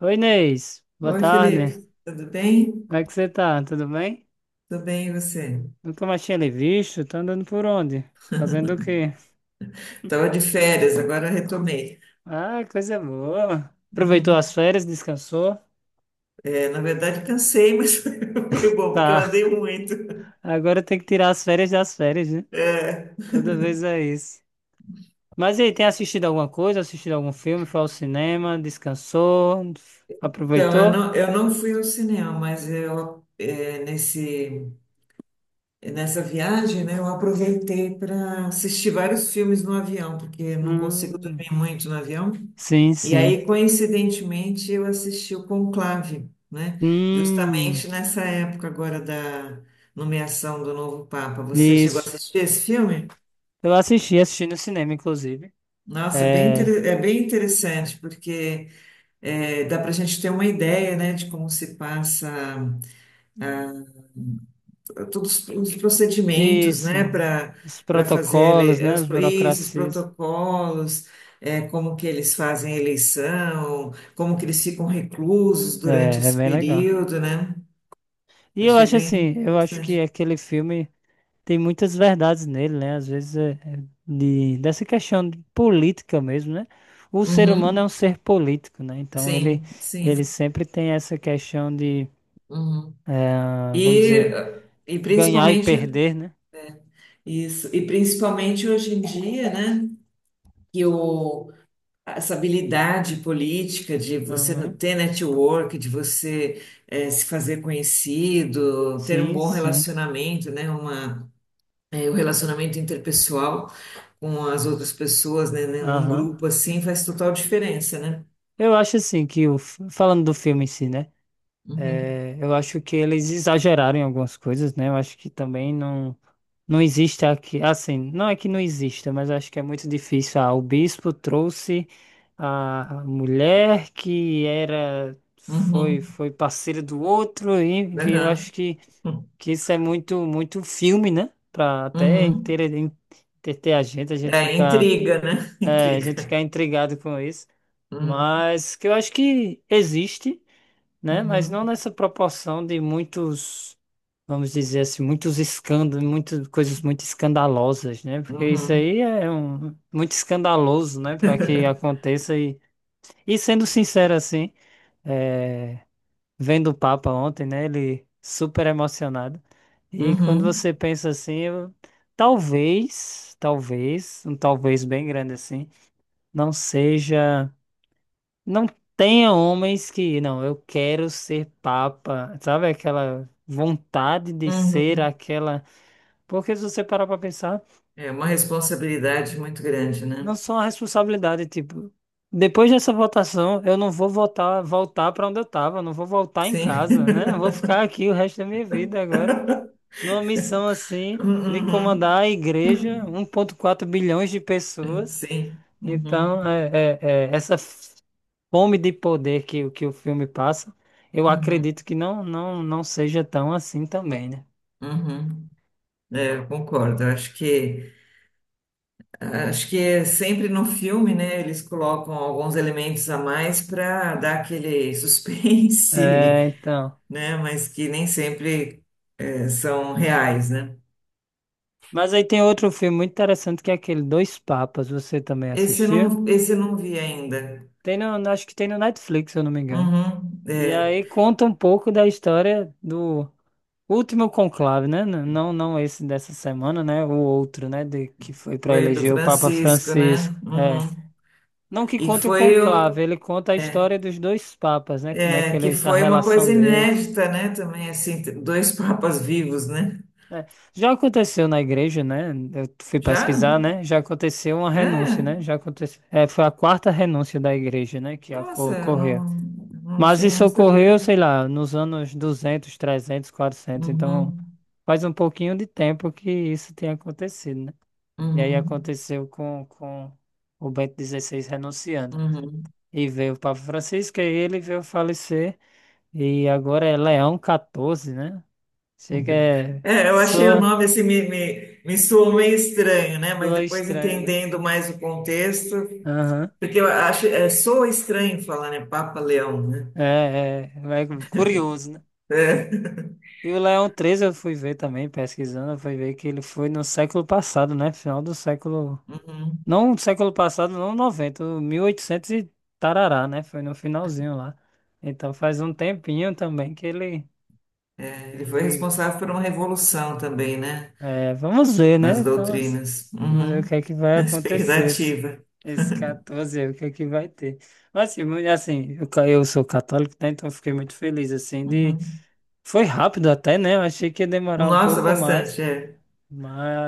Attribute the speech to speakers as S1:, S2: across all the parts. S1: Oi, Inês. Boa
S2: Oi,
S1: tarde.
S2: Felipe, tudo bem?
S1: Como é que você tá? Tudo bem?
S2: Tudo bem, e você?
S1: Nunca mais tinha lhe visto. Tá andando por onde? Fazendo o quê?
S2: Estava de férias, agora retomei.
S1: Ah, coisa boa. Aproveitou as
S2: Uhum.
S1: férias, descansou?
S2: Na verdade, cansei, mas foi bom, porque eu
S1: Tá.
S2: andei muito.
S1: Agora tem que tirar as férias das férias, né?
S2: É.
S1: Toda vez é isso. Mas e aí, tem assistido alguma coisa? Assistido algum filme? Foi ao cinema? Descansou?
S2: Então, eu
S1: Aproveitou?
S2: não, eu não fui ao cinema, mas nessa viagem, né, eu aproveitei para assistir vários filmes no avião, porque eu não consigo
S1: Hum,
S2: dormir muito no avião.
S1: sim,
S2: E
S1: sim.
S2: aí, coincidentemente, eu assisti o Conclave, né?
S1: Hum,
S2: Justamente nessa época agora da nomeação do novo Papa. Você chegou a
S1: isso.
S2: assistir esse filme?
S1: Eu assisti, assisti no cinema, inclusive.
S2: Nossa, bem,
S1: É,
S2: inter- é bem interessante, porque é, dá para a gente ter uma ideia, né, de como se passa todos os procedimentos,
S1: isso.
S2: né, para
S1: Os
S2: para fazer
S1: protocolos,
S2: ele- é,
S1: né?
S2: os,
S1: As
S2: pro- isso, os
S1: burocracias.
S2: protocolos, é, como que eles fazem a eleição, como que eles ficam reclusos durante
S1: É
S2: esse
S1: bem legal.
S2: período, né?
S1: E eu
S2: Achei
S1: acho
S2: bem
S1: assim, eu acho que
S2: interessante.
S1: aquele filme tem muitas verdades nele, né? Às vezes é dessa questão de política mesmo, né? O ser humano é um
S2: Uhum.
S1: ser político, né? Então ele,
S2: Sim, sim.
S1: ele sempre tem essa questão de,
S2: Uhum.
S1: vamos
S2: E,
S1: dizer,
S2: e
S1: ganhar e
S2: principalmente
S1: perder, né?
S2: isso, e principalmente hoje em dia, né? Que o, essa habilidade política de você
S1: Aham.
S2: ter network, de você se fazer conhecido, ter um
S1: Sim,
S2: bom
S1: sim.
S2: relacionamento, né? O relacionamento interpessoal com as outras pessoas, né? Um
S1: Aham.
S2: grupo assim faz total diferença, né?
S1: Eu acho assim que falando do filme em si, né?
S2: Uhum.
S1: É, eu acho que eles exageraram em algumas coisas, né? Eu acho que também não, não existe aqui, assim, não é que não exista, mas eu acho que é muito difícil. Ah, o bispo trouxe a mulher que era, foi,
S2: Uhum.
S1: foi parceira do outro, e, enfim, eu acho
S2: Aham.
S1: que isso é muito, muito filme, né? Pra até
S2: Uhum.
S1: entreter, entreter a gente
S2: É,
S1: ficar,
S2: intriga, né?
S1: a gente
S2: Intriga.
S1: ficar intrigado com isso.
S2: Uhum,
S1: Mas que eu acho que existe, né? Mas
S2: uhum,
S1: não nessa proporção de muitos, vamos dizer assim, muitos escândalos, muitas coisas muito escandalosas, né? Porque isso
S2: uhum,
S1: aí é muito escandaloso, né? Para que aconteça e sendo sincero assim, é, vendo o Papa ontem, né? Ele super emocionado. E quando
S2: uhum,
S1: você pensa assim, talvez, um talvez bem grande assim, não seja não tenha homens que, não, eu quero ser papa, sabe? Aquela vontade de ser
S2: uhum.
S1: aquela. Porque se você parar pra pensar,
S2: É uma responsabilidade muito grande,
S1: não
S2: né?
S1: só a responsabilidade, tipo, depois dessa votação, eu não vou voltar para onde eu tava, não vou voltar em
S2: Sim.
S1: casa, né? Eu vou ficar aqui o resto da minha vida agora, numa missão assim, de
S2: Uhum.
S1: comandar a igreja, 1,4 bilhões de pessoas.
S2: Sim. Uhum.
S1: Então, essa fome de poder que o filme passa, eu
S2: Uhum.
S1: acredito que não seja tão assim também, né?
S2: Uhum. É, eu concordo. Eu acho que é sempre no filme, né? Eles colocam alguns elementos a mais para dar aquele suspense,
S1: É, então.
S2: né? Mas que nem sempre são reais, né?
S1: Mas aí tem outro filme muito interessante que é aquele Dois Papas, você também
S2: Esse eu
S1: assistiu?
S2: não, esse eu não vi ainda.
S1: Tem acho que tem no Netflix, se eu não me engano.
S2: Uhum,
S1: E
S2: é,
S1: aí conta um pouco da história do último conclave, né? Não, não esse dessa semana, né? O outro, né? Que foi para
S2: foi do
S1: eleger o Papa
S2: Francisco,
S1: Francisco.
S2: né?
S1: É.
S2: Uhum.
S1: Não que
S2: E
S1: conte o
S2: foi,
S1: conclave,
S2: o-
S1: ele conta a
S2: é,
S1: história dos dois papas, né? Como é que
S2: é, Que
S1: eles, a
S2: foi uma
S1: relação
S2: coisa
S1: deles.
S2: inédita, né? Também, assim, dois papas vivos, né?
S1: É, já aconteceu na igreja, né? Eu fui
S2: Já?
S1: pesquisar, né? Já aconteceu uma renúncia,
S2: É,
S1: né? Já aconteceu. É, foi a quarta renúncia da igreja, né? Que
S2: nossa,
S1: ocorreu.
S2: não
S1: Mas
S2: tinha,
S1: isso
S2: não
S1: ocorreu,
S2: sabia.
S1: sei lá, nos anos duzentos, trezentos, quatrocentos. Então,
S2: Uhum,
S1: faz um pouquinho de tempo que isso tem acontecido, né? E aí
S2: uhum,
S1: aconteceu com o Bento XVI renunciando.
S2: uhum.
S1: E veio o Papa Francisco, e ele veio falecer. E agora é Leão XIV, né? Chega, é.
S2: É, eu achei o
S1: Soa.
S2: nome, assim, me soou meio estranho, né? Mas
S1: Soa
S2: depois
S1: estranho, né?
S2: entendendo mais o contexto,
S1: Aham.
S2: porque eu acho, é, soa estranho falar, né? Papa Leão, né?
S1: É, é, é curioso, né?
S2: É.
S1: E o Leão 13 eu fui ver também, pesquisando, eu fui ver que ele foi no século passado, né? Final do século. Não século passado, não 90 o 1800 e oitocentos e tarará, né? Foi no finalzinho lá. Então faz um tempinho também que ele.
S2: Ele foi
S1: ele
S2: responsável por uma revolução também, né?
S1: é, vamos ver, né?
S2: Nas
S1: Então,
S2: doutrinas.
S1: vamos ver o
S2: Uhum.
S1: que é que vai acontecer. Esse,
S2: Expectativa.
S1: esse 14, aí, o que é que vai ter. Mas assim, assim, eu sou católico, né? Então eu fiquei muito feliz, assim, de
S2: Uhum.
S1: Foi rápido até, né? Eu achei que ia demorar um
S2: Nossa,
S1: pouco mais,
S2: bastante, é.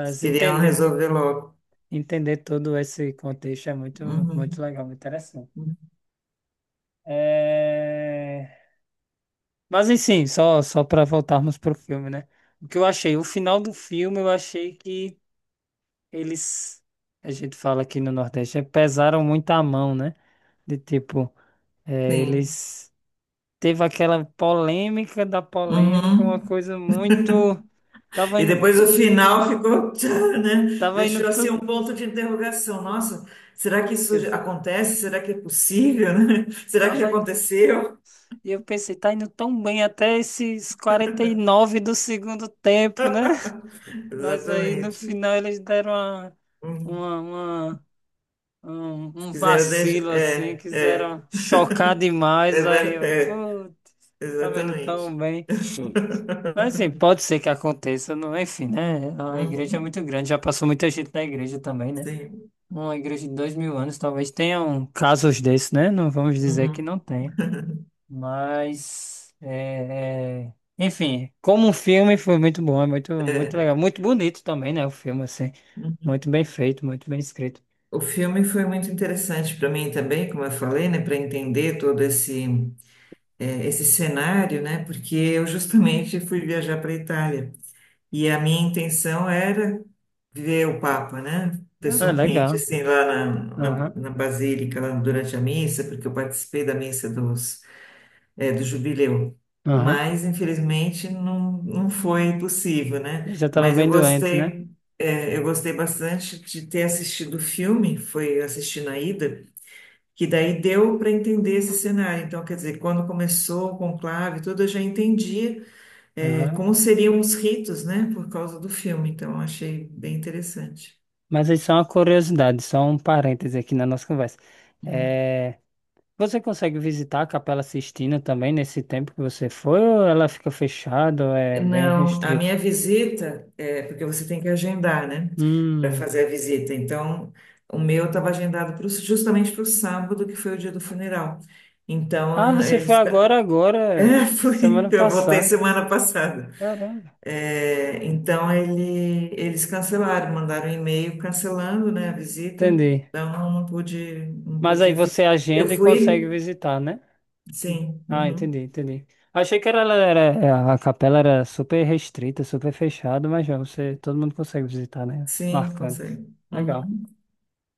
S2: Eles queriam
S1: entender,
S2: resolver logo.
S1: entender todo esse contexto é muito,
S2: Uhum.
S1: muito legal, muito interessante. É... Mas enfim, só para voltarmos pro filme, né? O que eu achei, o final do filme, eu achei que eles, a gente fala aqui no Nordeste, pesaram muito a mão, né? De tipo,
S2: Sim.
S1: eles teve aquela polêmica da polêmica, uma
S2: Uhum.
S1: coisa muito, tava
S2: E
S1: indo,
S2: depois o final ficou, tchá, né?
S1: tava indo
S2: Deixou assim
S1: tudo.
S2: um ponto de interrogação. Nossa, será que isso acontece? Será que é possível, né? Será que já
S1: Tava indo,
S2: aconteceu?
S1: e eu pensei, tá indo tão bem até esses 49 do segundo tempo, né? Mas aí no
S2: Exatamente.
S1: final eles deram
S2: Uhum.
S1: uma, uma- um,
S2: Se
S1: um
S2: quiseram deixar.
S1: vacilo assim, quiseram chocar
S2: É,
S1: demais. Aí
S2: ver-
S1: eu, putz,
S2: é,
S1: tava indo
S2: exatamente.
S1: tão bem. Mas assim, pode ser que aconteça, não, enfim, né? A igreja é
S2: Uhum,
S1: muito grande, já passou muita gente na igreja também, né?
S2: sim.
S1: Uma igreja de 2.000 anos talvez tenha um casos desses, né? Não vamos dizer que não
S2: Uhum.
S1: tenha. Mas, enfim, como um filme foi muito bom, é muito, muito legal, muito bonito também, né? O filme, assim,
S2: Uhum.
S1: muito bem feito, muito bem escrito.
S2: O filme foi muito interessante para mim também, como eu falei, né, para entender todo esse esse cenário, né, porque eu justamente fui viajar para a Itália e a minha intenção era ver o Papa, né,
S1: Ah,
S2: pessoalmente,
S1: legal.
S2: assim, lá
S1: Aham,
S2: na Basílica, lá durante a missa, porque eu participei da missa dos é, do jubileu.
S1: aham.
S2: Mas, infelizmente, não foi possível, né?
S1: Eu já estava
S2: Mas eu
S1: bem doente, né?
S2: gostei, é, eu gostei bastante de ter assistido o filme, foi assistir na ida, que daí deu para entender esse cenário. Então, quer dizer, quando começou o conclave, e tudo, eu já entendi, é,
S1: Aham.
S2: como seriam os ritos, né? Por causa do filme. Então, eu achei bem interessante.
S1: Mas aí só uma curiosidade, só um parêntese aqui na nossa conversa. É, você consegue visitar a Capela Sistina também nesse tempo que você foi, ou ela fica fechada, ou é bem
S2: Não, a minha
S1: restrito?
S2: visita, é, porque você tem que agendar, né, para
S1: Hum.
S2: fazer a visita. Então, o meu estava agendado justamente para o sábado, que foi o dia do funeral. Então,
S1: Ah,
S2: Hum.
S1: você foi
S2: Eles.
S1: agora, agora,
S2: É, foi,
S1: semana
S2: eu voltei
S1: passada.
S2: semana passada.
S1: Caramba.
S2: É, então, eles cancelaram, mandaram um e-mail cancelando, né, a visita.
S1: Entendi.
S2: Então, não pude, não
S1: Mas aí
S2: pude.
S1: você
S2: Vis- eu
S1: agenda e consegue
S2: fui?
S1: visitar, né? Sim.
S2: Sim,
S1: Ah,
S2: uhum,
S1: entendi, entendi. Achei que a capela era super restrita, super fechada, mas já você, todo mundo consegue visitar, né?
S2: sim,
S1: Marcando.
S2: consegue.
S1: Legal.
S2: Uhum.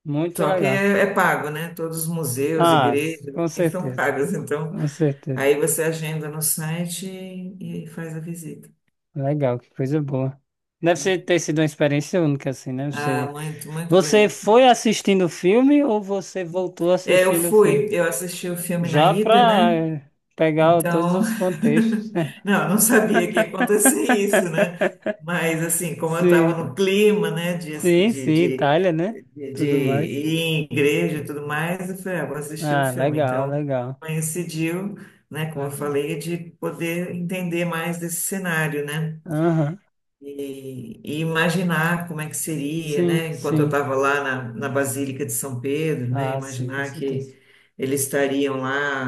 S1: Muito
S2: Só que
S1: legal.
S2: é, é pago, né? Todos os museus,
S1: Ah,
S2: igrejas,
S1: com
S2: assim, são
S1: certeza.
S2: pagos. Então,
S1: Com certeza.
S2: aí você agenda no site e faz a visita.
S1: Legal, que coisa boa. Deve ter sido uma experiência única, assim, né?
S2: Ah,
S1: Você,
S2: muito, muito
S1: você
S2: bonito.
S1: foi assistindo o filme ou você voltou
S2: É,
S1: assistindo o filme?
S2: eu assisti o filme na
S1: Já
S2: ida,
S1: pra
S2: né?
S1: pegar todos
S2: Então,
S1: os contextos.
S2: não, eu não sabia que ia acontecer isso, né? Mas, assim, como eu estava
S1: Sim,
S2: no clima, né,
S1: sim,
S2: de,
S1: sim,
S2: de,
S1: Itália, né?
S2: de
S1: Tudo mais.
S2: ir em igreja e tudo mais, eu falei, ah, vou assistir o
S1: Ah,
S2: filme.
S1: legal,
S2: Então,
S1: legal,
S2: coincidiu, né, como eu
S1: legal.
S2: falei, de poder entender mais desse cenário, né?
S1: Aham.
S2: E imaginar como é que seria,
S1: Sim,
S2: né? Enquanto eu
S1: sim.
S2: estava lá na Basílica de São Pedro, né?
S1: Ah, sim, com
S2: Imaginar
S1: certeza.
S2: que eles estariam lá,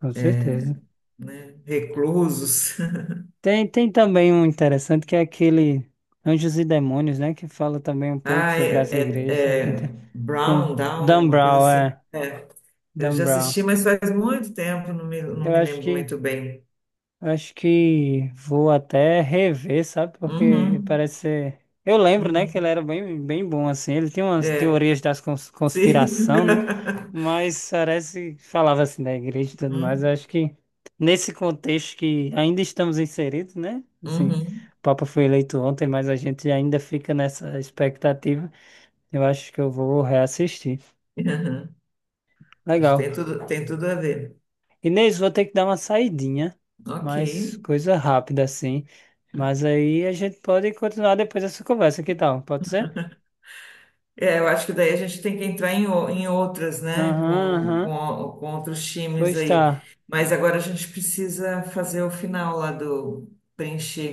S1: Com certeza.
S2: né, reclusos.
S1: Tem também um interessante que é aquele Anjos e Demônios, né? Que fala também um pouco
S2: Ah,
S1: sobre
S2: é,
S1: as igrejas. É bem
S2: é
S1: inter- Com
S2: Brown, Down,
S1: Dan
S2: uma coisa
S1: Brown,
S2: assim.
S1: é.
S2: É, eu
S1: Dan
S2: já
S1: Brown.
S2: assisti, mas faz muito tempo, não
S1: Eu
S2: me
S1: acho
S2: lembro
S1: que
S2: muito bem.
S1: acho que vou até rever, sabe?
S2: Uhum,
S1: Porque parece ser. Eu lembro, né, que ele
S2: uhum.
S1: era bem, bem bom, assim. Ele tinha umas
S2: É,
S1: teorias das
S2: sim.
S1: conspiração, né? Mas parece que falava assim da igreja e tudo mais. Eu
S2: Uhum,
S1: acho que nesse contexto que ainda estamos inseridos, né? Assim,
S2: uhum,
S1: o Papa foi eleito ontem, mas a gente ainda fica nessa expectativa. Eu acho que eu vou reassistir.
S2: uhum. Acho que
S1: Legal.
S2: tem tudo a ver.
S1: Inês, vou ter que dar uma saidinha,
S2: Ok.
S1: mas coisa rápida assim. Mas aí a gente pode continuar depois dessa conversa, que tal? Pode ser?
S2: É, eu acho que daí a gente tem que entrar em outras, né?
S1: Aham, aham.
S2: Com outros times
S1: Pois tá.
S2: aí. Mas agora a gente precisa fazer o final lá do preencher